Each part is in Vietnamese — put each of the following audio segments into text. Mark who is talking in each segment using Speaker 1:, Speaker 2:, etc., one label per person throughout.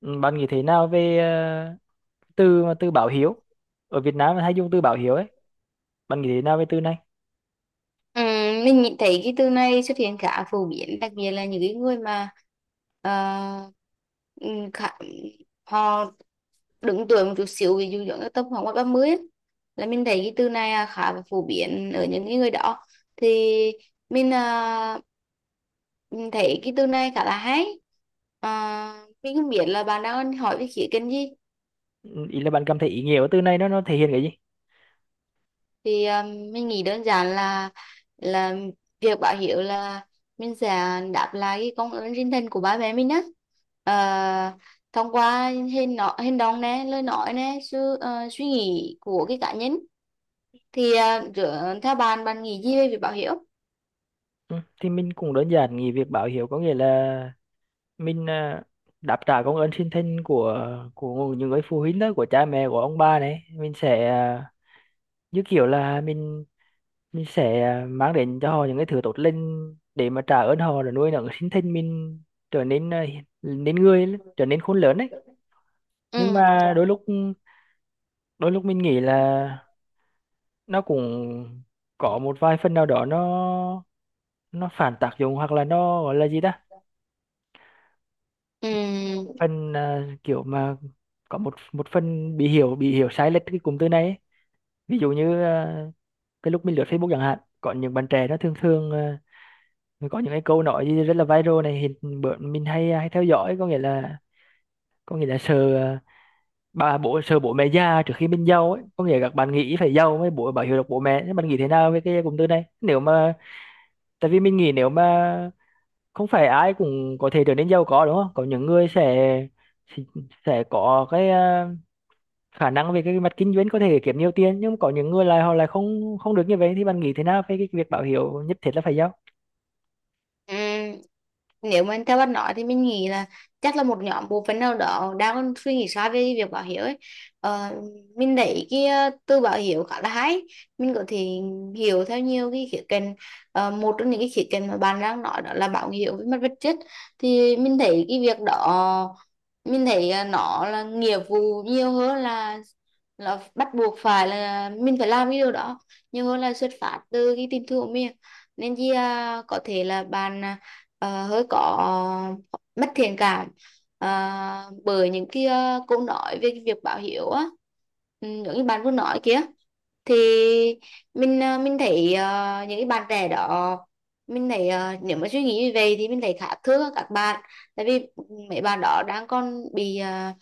Speaker 1: Ừ, bạn nghĩ thế nào về từ báo hiếu? Ở Việt Nam hay dùng từ báo hiếu ấy. Bạn nghĩ thế nào về từ này?
Speaker 2: Ừ, mình nghĩ thấy cái từ này xuất hiện khá phổ biến đặc biệt là những cái người mà ờ, ừ, khá, họ đứng tuổi một chút xíu ví dụ giống như tầm khoảng ngoài 30 ấy, là mình thấy cái từ này khá là phổ biến ở những cái người đó. Thì mình à, mình thấy cái từ này khá là hay. À, mình không biết là bạn đang hỏi về khía cạnh gì.
Speaker 1: Ừ, ý là bạn cảm thấy ý nghĩa của từ này nó thể hiện cái gì?
Speaker 2: Thì mình nghĩ đơn giản là là việc báo hiếu là mình sẽ đáp lại cái công ơn sinh thành của ba mẹ mình á. Ờ, Thông qua hành động nè, lời nói nè, sự suy nghĩ của cái cá nhân. Thì theo bạn, bạn nghĩ gì về việc báo hiếu?
Speaker 1: Ừ, thì mình cũng đơn giản nghĩ việc báo hiếu có nghĩa là mình, đáp trả công ơn sinh thành của những người phụ huynh đó, của cha mẹ của ông bà này. Mình sẽ, như kiểu là mình sẽ, mang đến cho họ những cái thứ tốt lành để mà trả ơn họ rồi nuôi nấng sinh thành mình trở nên, nên người, trở nên khôn lớn ấy. Nhưng
Speaker 2: Ừ.
Speaker 1: mà đôi lúc mình nghĩ là nó cũng có một vài phần nào đó, nó phản tác dụng, hoặc là nó gọi là gì ta,
Speaker 2: Ừ.
Speaker 1: phần, kiểu mà có một một phần bị hiểu sai lệch cái cụm từ này ấy. Ví dụ như, cái lúc mình lướt Facebook chẳng hạn, có những bạn trẻ nó thường thường, có những cái câu nói gì rất là viral này, hiện bữa mình hay theo dõi, có nghĩa là, sợ bố sợ bố mẹ già trước khi mình giàu ấy, có nghĩa là các bạn nghĩ phải giàu mới bảo hiểm được bố mẹ. Thế bạn nghĩ thế nào về cái cụm từ này? Nếu mà, tại vì mình nghĩ, nếu mà không phải ai cũng có thể trở nên giàu có đúng không, có những người sẽ, sẽ có cái, khả năng về cái mặt kinh doanh có thể kiếm nhiều tiền, nhưng có những người lại, họ lại không không được như vậy. Thì bạn nghĩ thế nào về cái việc báo hiếu nhất thiết là phải giao?
Speaker 2: Ừm, Nếu mà theo bạn nói thì mình nghĩ là chắc là một nhóm bộ phận nào đó đang suy nghĩ sai về việc báo hiếu ấy. ờ, mình thấy cái từ báo hiếu khá là hay. Mình có thể hiểu theo nhiều cái khía cạnh. Một trong những cái khía cạnh mà bạn đang nói đó là báo hiếu với mặt vật chất. Thì mình thấy cái việc đó, mình thấy nó là nghĩa vụ nhiều hơn, là bắt buộc phải là mình phải làm cái điều đó, nhiều hơn là xuất phát từ cái tình thương của mình. Nên chi có thể là bạn hơi có mất thiện cảm bởi những cái câu nói về cái việc báo hiếu á. Ừ, giống như bạn vừa nói kia thì mình thấy những cái bạn trẻ đó, mình thấy nếu mà suy nghĩ như vậy thì mình thấy khá thương các bạn. Tại vì mấy bạn đó đang còn bị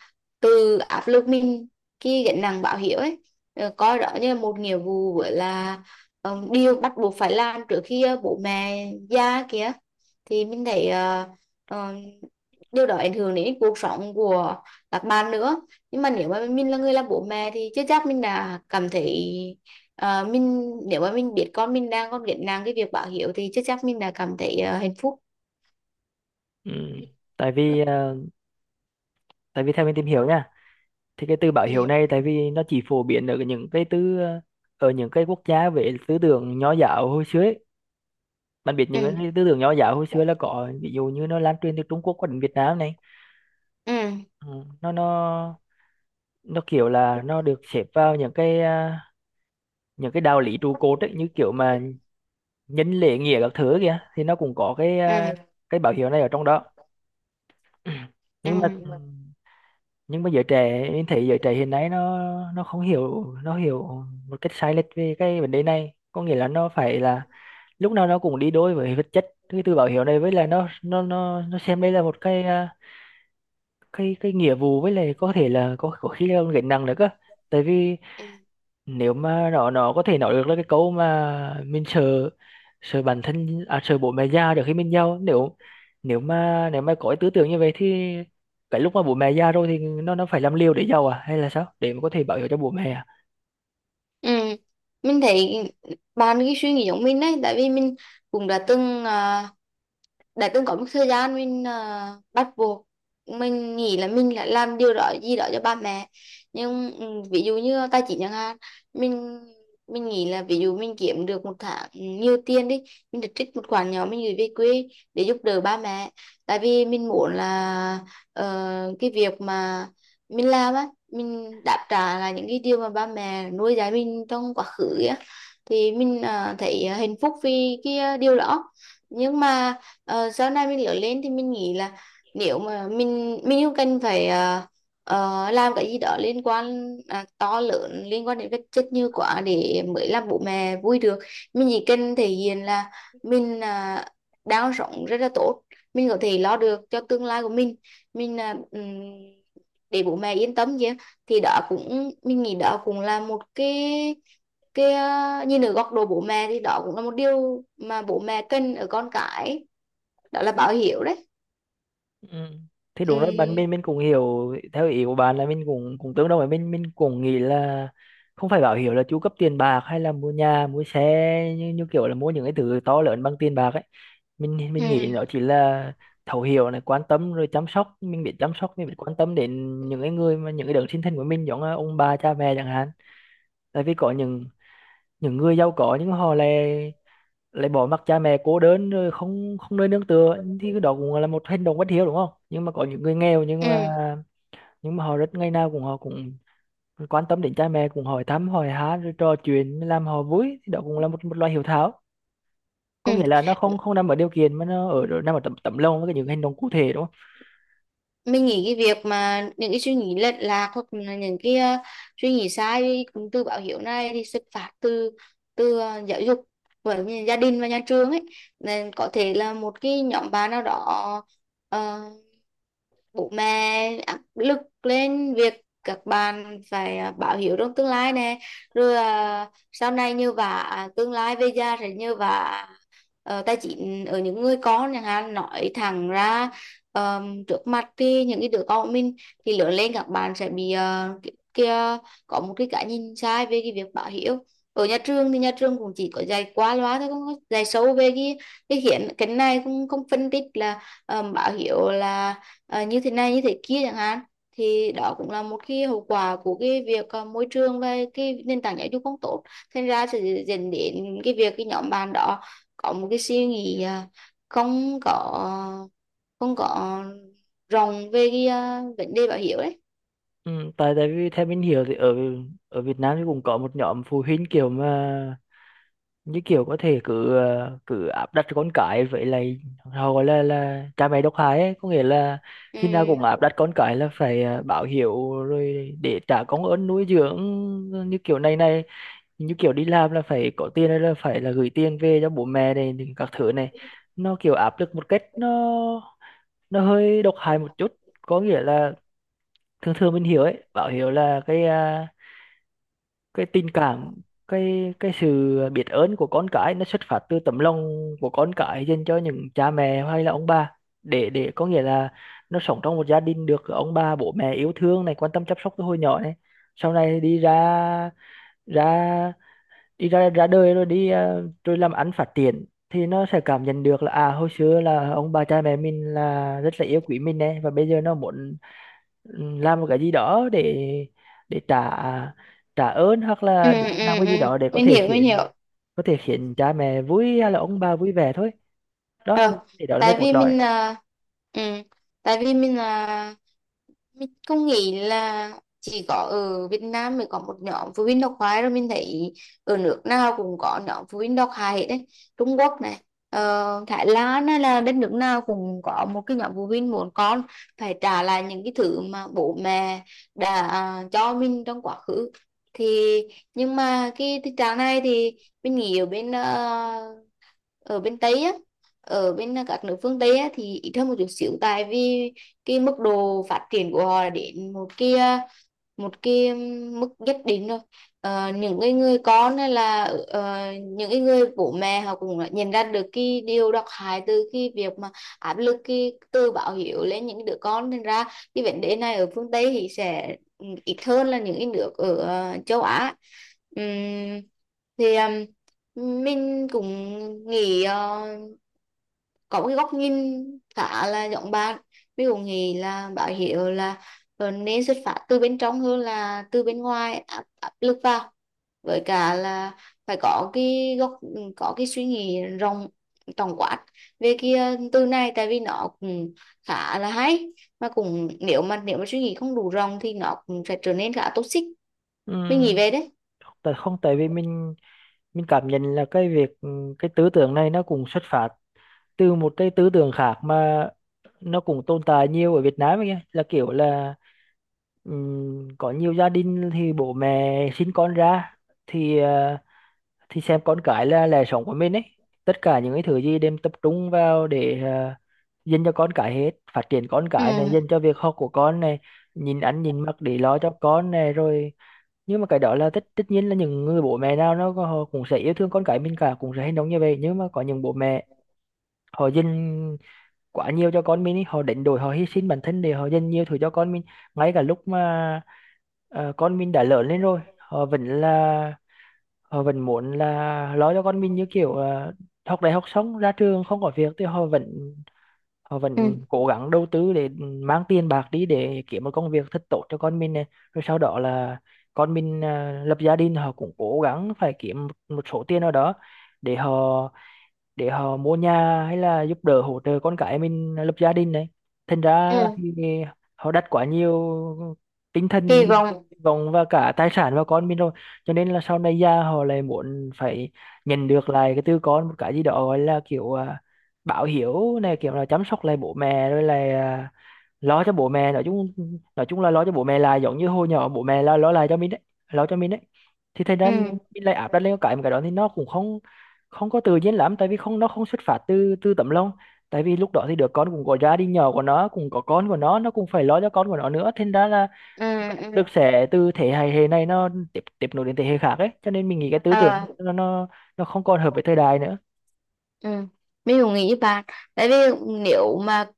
Speaker 2: từ áp lực mình khi gánh nặng báo hiếu ấy. Coi đó như là một nghĩa vụ, với là điều bắt buộc phải làm trước khi bố mẹ già kìa. Thì mình thấy ờ, điều đó ảnh hưởng đến cuộc sống của các bạn nữa. Nhưng mà nếu mà mình là người làm bố mẹ thì chưa chắc mình đã cảm thấy. Mình, nếu mà mình biết con mình đang còn gánh nặng cái việc báo hiếu thì chắc chắn mình đã cảm thấy hạnh phúc.
Speaker 1: Ừ, tại vì à, tại vì theo mình tìm hiểu nha, thì cái từ báo
Speaker 2: Ừ.
Speaker 1: hiếu này, tại vì nó chỉ phổ biến ở những cái tư, ở những cái quốc gia về tư tưởng nho giáo hồi xưa ấy. Bạn biết những
Speaker 2: Ừ.
Speaker 1: cái tư tưởng nho giáo hồi xưa là có, ví dụ như nó lan truyền từ Trung Quốc qua đến Việt Nam này.
Speaker 2: Ừ.
Speaker 1: Ừ, nó kiểu là nó được xếp vào những cái, những cái đạo lý trụ cột ấy, như kiểu mà nhân lễ nghĩa các thứ kìa, thì nó cũng có cái,
Speaker 2: Ừ.
Speaker 1: cái bảo hiểm này ở trong đó.
Speaker 2: Ừ.
Speaker 1: nhưng mà nhưng mà giới trẻ em thấy giới trẻ hiện nay nó không hiểu, nó hiểu một cách sai lệch về cái vấn đề này. Có nghĩa là nó phải là, lúc nào nó cũng đi đôi với vật chất cái từ bảo hiểm này. Với là nó xem đây là một cái, cái nghĩa vụ, với lại có thể là có khi là gánh nặng nữa cơ. Tại vì
Speaker 2: Ừ.
Speaker 1: nếu mà nó có thể nói được là cái câu mà mình sợ, bản thân, sợ bố mẹ già trước khi mình giàu, nếu, nếu mà có cái tư tưởng như vậy thì cái lúc mà bố mẹ già rồi thì nó phải làm liều để giàu à, hay là sao để mà có thể bảo hiểm cho bố mẹ à?
Speaker 2: Ừ. Mình thấy bạn, cái suy nghĩ giống mình đấy. Tại vì mình cũng đã từng đã từng có một thời gian mình bắt buộc, mình nghĩ là mình lại làm điều đó gì đó cho ba mẹ. Nhưng ví dụ như tài chính chẳng hạn, mình mình nghĩ là ví dụ mình kiếm được một tháng nhiều tiền đi, mình được trích một khoản nhỏ mình gửi về quê để giúp đỡ ba mẹ. Tại vì mình muốn là cái việc mà mình làm á, mình đáp trả là những cái điều mà ba mẹ nuôi dạy mình trong quá khứ á. Thì mình thấy hạnh phúc vì cái điều đó. Nhưng mà sau này mình lớn lên thì mình nghĩ là nếu mà mình không cần phải làm cái gì đó liên quan to lớn, liên quan đến vật chất như quá để mới làm bố mẹ vui được. Mình chỉ cần thể hiện là mình đang sống rất là tốt, mình có thể lo được cho tương lai của mình, mình à, ừm, để bố mẹ yên tâm chứ. Thì đó cũng, mình nghĩ đó cũng là một cái, nhìn ở góc độ bố mẹ thì đó cũng là một điều mà bố mẹ cần ở con cái, đó là báo hiệu đấy.
Speaker 1: Ừ. Thì đúng rồi bạn,
Speaker 2: Ừ.
Speaker 1: mình cũng hiểu theo ý của bạn là mình cũng cũng tương đồng, với mình cũng nghĩ là không phải bảo hiểm là chu cấp tiền bạc hay là mua nhà mua xe, như kiểu là mua những cái thứ to lớn bằng tiền bạc ấy. Mình
Speaker 2: Ừ.
Speaker 1: nghĩ nó chỉ là thấu hiểu này, quan tâm rồi chăm sóc, mình biết chăm sóc, mình biết quan tâm đến những cái người mà những cái đấng sinh thành của mình, giống là ông bà cha mẹ chẳng hạn. Tại vì có những người giàu có nhưng họ lại, bỏ mặc cha mẹ cô đơn rồi không không nơi nương tựa, thì cái đó cũng là một hành động bất hiếu đúng không? Nhưng mà có những người nghèo,
Speaker 2: Ừ.
Speaker 1: nhưng mà họ rất, ngày nào cũng họ cũng quan tâm đến cha mẹ, cũng hỏi thăm hỏi han rồi trò chuyện làm họ vui, thì đó cũng là một, loại hiếu thảo. Có
Speaker 2: Ừ.
Speaker 1: nghĩa là nó không không nằm ở điều kiện, mà nó ở, nằm ở tấm tấm lòng với cái những hành động cụ thể, đúng không?
Speaker 2: Mình nghĩ cái việc mà những cái suy nghĩ lệch lạc, hoặc là những cái suy nghĩ sai cũng từ báo hiệu này, thì xuất phát từ từ ờ, giáo dục với gia đình và nhà trường ấy. Nên có thể là một cái nhóm bạn nào đó ờ, bố mẹ áp lực lên việc các bạn phải báo hiếu trong tương lai nè, rồi sau này như vả, tương lai về già sẽ như vả, tài chính ở những người con chẳng hạn, nói thẳng ra trước mặt thì những cái đứa con của mình, thì lớn lên các bạn sẽ bị kia, có một cái nhìn sai về cái việc báo hiếu. Ở nhà trường thì nhà trường cũng chỉ có dạy qua loa thôi, không có dạy sâu về cái này cũng không phân tích là báo hiếu là như thế này như thế kia chẳng hạn. Thì đó cũng là một cái hậu quả của cái việc môi trường và cái nền tảng giáo dục không tốt. Thành ra sẽ dẫn đến cái việc cái nhóm bạn đó có một cái suy nghĩ không có không có rộng về cái vấn đề bảo hiểm đấy.
Speaker 1: Ừ, tại tại vì theo mình hiểu thì ở, Việt Nam thì cũng có một nhóm phụ huynh kiểu mà, như kiểu có thể cứ áp đặt con cái vậy, là họ gọi là cha mẹ độc hại ấy. Có nghĩa là
Speaker 2: Ừ.
Speaker 1: khi nào cũng áp đặt con cái là phải, báo hiếu rồi để trả công ơn nuôi dưỡng, như kiểu này này, như kiểu đi làm là phải có tiền hay là phải là gửi tiền về cho bố mẹ này thì các thứ này. Nó kiểu áp lực một cách, nó hơi độc hại một chút, có nghĩa là thường thường mình hiểu ấy, bảo hiểu là cái, cái tình cảm, cái sự biết ơn của con cái nó xuất phát từ tấm lòng của con cái dành cho những cha mẹ hay là ông bà. Để, có nghĩa là nó sống trong một gia đình được ông bà bố mẹ yêu thương này, quan tâm chăm sóc từ hồi nhỏ này, sau này đi ra, ra ra đời rồi rồi làm ăn phát triển, thì nó sẽ cảm nhận được là, à, hồi xưa là ông bà cha mẹ mình là rất là yêu quý mình này và bây giờ nó muốn, ừ, làm một cái gì đó để, trả, ơn hoặc
Speaker 2: Ừ.
Speaker 1: là để làm
Speaker 2: Ừ.
Speaker 1: cái gì
Speaker 2: Ừ.
Speaker 1: đó để có
Speaker 2: Mình
Speaker 1: thể
Speaker 2: hiểu, mình
Speaker 1: khiến,
Speaker 2: hiểu.
Speaker 1: cha mẹ vui hay là ông bà vui vẻ thôi. Đó
Speaker 2: Ừ.
Speaker 1: thì đó là mấy
Speaker 2: tại
Speaker 1: cốt
Speaker 2: vì
Speaker 1: lõi.
Speaker 2: mình là Ừ. Tại vì mình không nghĩ là chỉ có ở Việt Nam mới có một nhóm phụ huynh độc hại đâu. Mình thấy ở nước nào cũng có nhóm phụ huynh độc hại hết đấy. Trung Quốc này, Thái Lan, hay là đất nước nào cũng có một cái nhóm phụ huynh muốn con phải trả lại những cái thứ mà bố mẹ đã cho mình trong quá khứ. Thì nhưng mà cái tình trạng này thì mình nghĩ ở bên Tây á, ở bên các nước phương Tây á thì ít hơn một chút xíu. Tại vì cái mức độ phát triển của họ đến một cái, một cái mức nhất định rồi. Những cái người con, hay là những cái người bố mẹ, họ cũng đã nhận ra được cái điều độc hại từ cái việc mà áp lực cái từ báo hiếu lên những đứa con, nên ra cái vấn đề này ở phương Tây thì sẽ ít hơn là những cái nước ở châu Á. Ừm, thì mình cũng nghĩ, có một cái góc nhìn khá là giống bạn. Mình cũng nghĩ là báo hiệu là nên xuất phát từ bên trong hơn là từ bên ngoài áp lực vào. Với cả là phải có cái góc có cái suy nghĩ rộng, tổng quát về cái từ này, tại vì nó cũng khá là hay, mà cũng, nếu mà suy nghĩ không đủ rộng thì nó cũng sẽ trở nên khá toxic.
Speaker 1: Ừ,
Speaker 2: Mình nghĩ về đấy.
Speaker 1: tại không tại vì mình, cảm nhận là cái việc, ừ, cái tư tưởng này nó cũng xuất phát từ một cái tư tưởng khác mà nó cũng tồn tại nhiều ở Việt Nam ấy, kìa. Là kiểu là, có nhiều gia đình thì bố mẹ sinh con ra thì, thì xem con cái là lẽ sống của mình ấy. Tất cả những cái thứ gì đem tập trung vào để, uh, dành cho con cái hết, phát triển con
Speaker 2: Ừ.
Speaker 1: cái này, dành cho việc học của con này, nhìn ăn nhìn mặc để lo cho con này rồi, nhưng mà cái đó là tất tất nhiên, là những người bố mẹ nào họ cũng sẽ yêu thương con cái mình cả, cũng sẽ hành động như vậy. Nhưng mà có những bố mẹ họ dành quá nhiều cho con mình ấy, họ đánh đổi, họ hy sinh bản thân để họ dành nhiều thứ cho con mình. Ngay cả lúc mà, con mình đã lớn lên rồi, họ vẫn là, họ vẫn muốn là lo cho con mình, như kiểu, học đại học xong ra trường không có việc thì họ vẫn,
Speaker 2: Ừ.
Speaker 1: cố gắng đầu tư để mang tiền bạc đi để kiếm một công việc thật tốt cho con mình này. Rồi sau đó là con mình, lập gia đình, họ cũng cố gắng phải kiếm một một số tiền nào đó để họ, mua nhà hay là giúp đỡ hỗ trợ con cái mình lập gia đình này. Thành ra
Speaker 2: Ừ.
Speaker 1: thì họ đặt quá nhiều tinh thần,
Speaker 2: Kỳ vọng.
Speaker 1: vọng và cả tài sản vào con mình rồi, cho nên là sau này già họ lại muốn phải nhận được lại cái từ con một cái gì đó gọi là kiểu, báo hiếu này, kiểu là chăm sóc lại bố mẹ rồi là lo cho bố mẹ, nói chung, nói chung là lo cho bố mẹ là giống như hồi nhỏ bố mẹ là lo lại cho mình đấy, lo cho mình đấy. Thì thành ra mình
Speaker 2: Ừ.
Speaker 1: lại áp đặt lên cái, cái đó thì nó cũng không không có tự nhiên lắm, tại vì không, nó không xuất phát từ, tấm lòng. Tại vì lúc đó thì đứa con cũng có gia đình nhỏ của nó, cũng có con của nó cũng phải lo cho con của nó nữa, thành ra là
Speaker 2: Ừ.
Speaker 1: được
Speaker 2: Ừ.
Speaker 1: sẽ từ thế hệ hệ này nó tiếp tiếp nối đến thế hệ khác ấy, cho nên mình nghĩ cái tư tưởng
Speaker 2: Ờ,
Speaker 1: nó không còn hợp với thời đại nữa.
Speaker 2: ừ. Mình cũng nghĩ với bạn. Tại vì nếu mà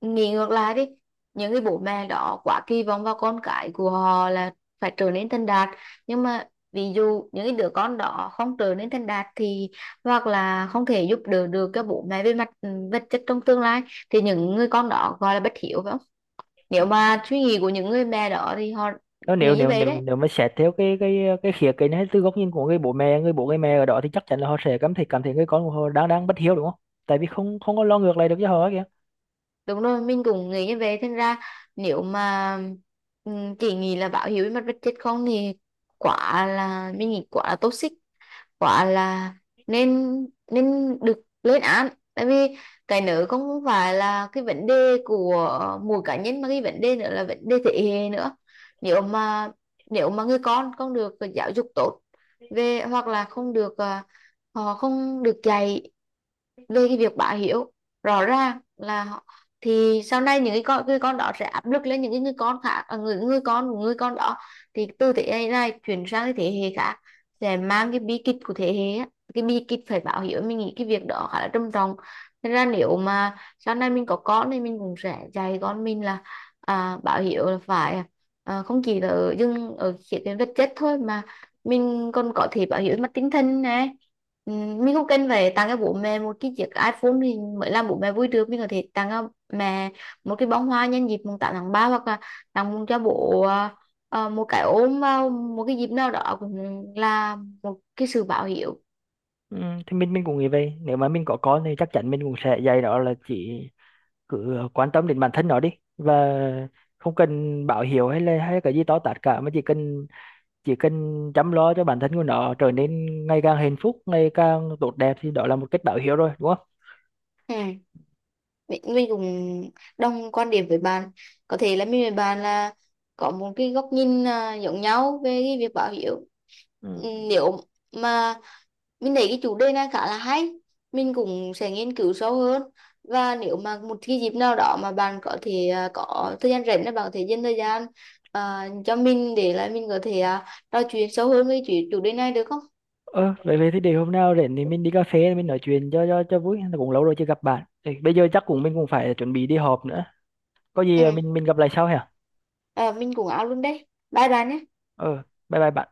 Speaker 2: nghĩ ngược lại đi, những cái bố mẹ đó quá kỳ vọng vào con cái của họ là phải trở nên thành đạt, nhưng mà ví dụ những cái đứa con đó không trở nên thành đạt thì, hoặc là không thể giúp đỡ được các bố mẹ về mặt vật chất trong tương lai, thì những người con đó gọi là bất hiếu phải không? Nếu mà suy nghĩ của những người mẹ đó thì họ
Speaker 1: Nếu nếu
Speaker 2: nghĩ như
Speaker 1: nếu
Speaker 2: vậy
Speaker 1: nếu
Speaker 2: đấy.
Speaker 1: Nếu mà xét theo cái khía cạnh hay từ góc nhìn của người bố mẹ, người bố người mẹ ở đó, thì chắc chắn là họ sẽ cảm thấy người con của họ đang đang bất hiếu đúng không, tại vì không không có lo ngược lại được cho họ kìa.
Speaker 2: Đúng rồi, mình cũng nghĩ như vậy. Thành ra nếu mà chỉ nghĩ là báo hiếu với mặt vật chất không thì, quả là, mình nghĩ quả là toxic, quả là nên, được lên án. Tại vì cái nữa không phải là cái vấn đề của mỗi cá nhân, mà cái vấn đề nữa là vấn đề thế hệ nữa. Nếu mà nếu mà người con không được giáo dục tốt về, hoặc là không được họ không được dạy về cái việc bá hiếu, rõ ràng là họ- thì sau này những cái người con đó sẽ áp lực lên những cái người con khác, người người con của người con đó, thì từ thế hệ này chuyển sang cái thế hệ khác, sẽ mang cái bi kịch của thế hệ á. Cái bi kịch phải báo hiếu, mình nghĩ cái việc đó khá là trầm trọng. Nên ra nếu mà sau này mình có con thì mình cũng sẽ dạy con mình là báo hiếu là phải, không chỉ là ở, dừng ở khía cạnh vật chất thôi, mà mình còn có thể báo hiếu mặt tinh thần này. Ừ, mình cũng cần phải tặng cho bố mẹ một cái chiếc iPhone thì mới làm bố mẹ vui được. Mình có thể tặng cho mẹ một cái bông hoa nhân dịp mùng 8 tháng ba, hoặc là tặng cho bố một cái ôm vào một cái dịp nào đó, cũng là một cái sự báo hiếu.
Speaker 1: Ừ, thì mình cũng nghĩ vậy, nếu mà mình có con thì chắc chắn mình cũng sẽ dạy nó là chỉ, quan tâm đến bản thân nó đi, và không cần báo hiếu hay là cái gì to tát cả, mà chỉ cần, chỉ cần chăm lo cho bản thân của nó trở nên ngày càng hạnh phúc, ngày càng tốt đẹp, thì đó là một cách báo hiếu rồi đúng không?
Speaker 2: Ừ. Mình cũng đồng quan điểm với bạn. Có thể là mình với bạn là có một cái góc nhìn giống nhau về cái việc báo hiếu. Ừ,
Speaker 1: Ừ.
Speaker 2: nếu mà, mình thấy cái chủ đề này khá là hay, mình cũng sẽ nghiên cứu sâu hơn. Và nếu mà một cái dịp nào đó mà bạn có thể có thời gian rảnh, là bạn có thể dành thời gian cho mình, để là mình có thể trò chuyện sâu hơn với chủ đề này được không?
Speaker 1: Ờ, vậy vậy thì để hôm nào rảnh thì mình đi cà phê mình nói chuyện cho, vui, cũng lâu rồi chưa gặp bạn. Thì bây giờ chắc cũng mình cũng phải chuẩn bị đi họp nữa, có
Speaker 2: Ừ.
Speaker 1: gì mình gặp lại sau hả?
Speaker 2: Mình cũng áo luôn đấy. Bye bye nhé.
Speaker 1: Ờ, bye bye bạn.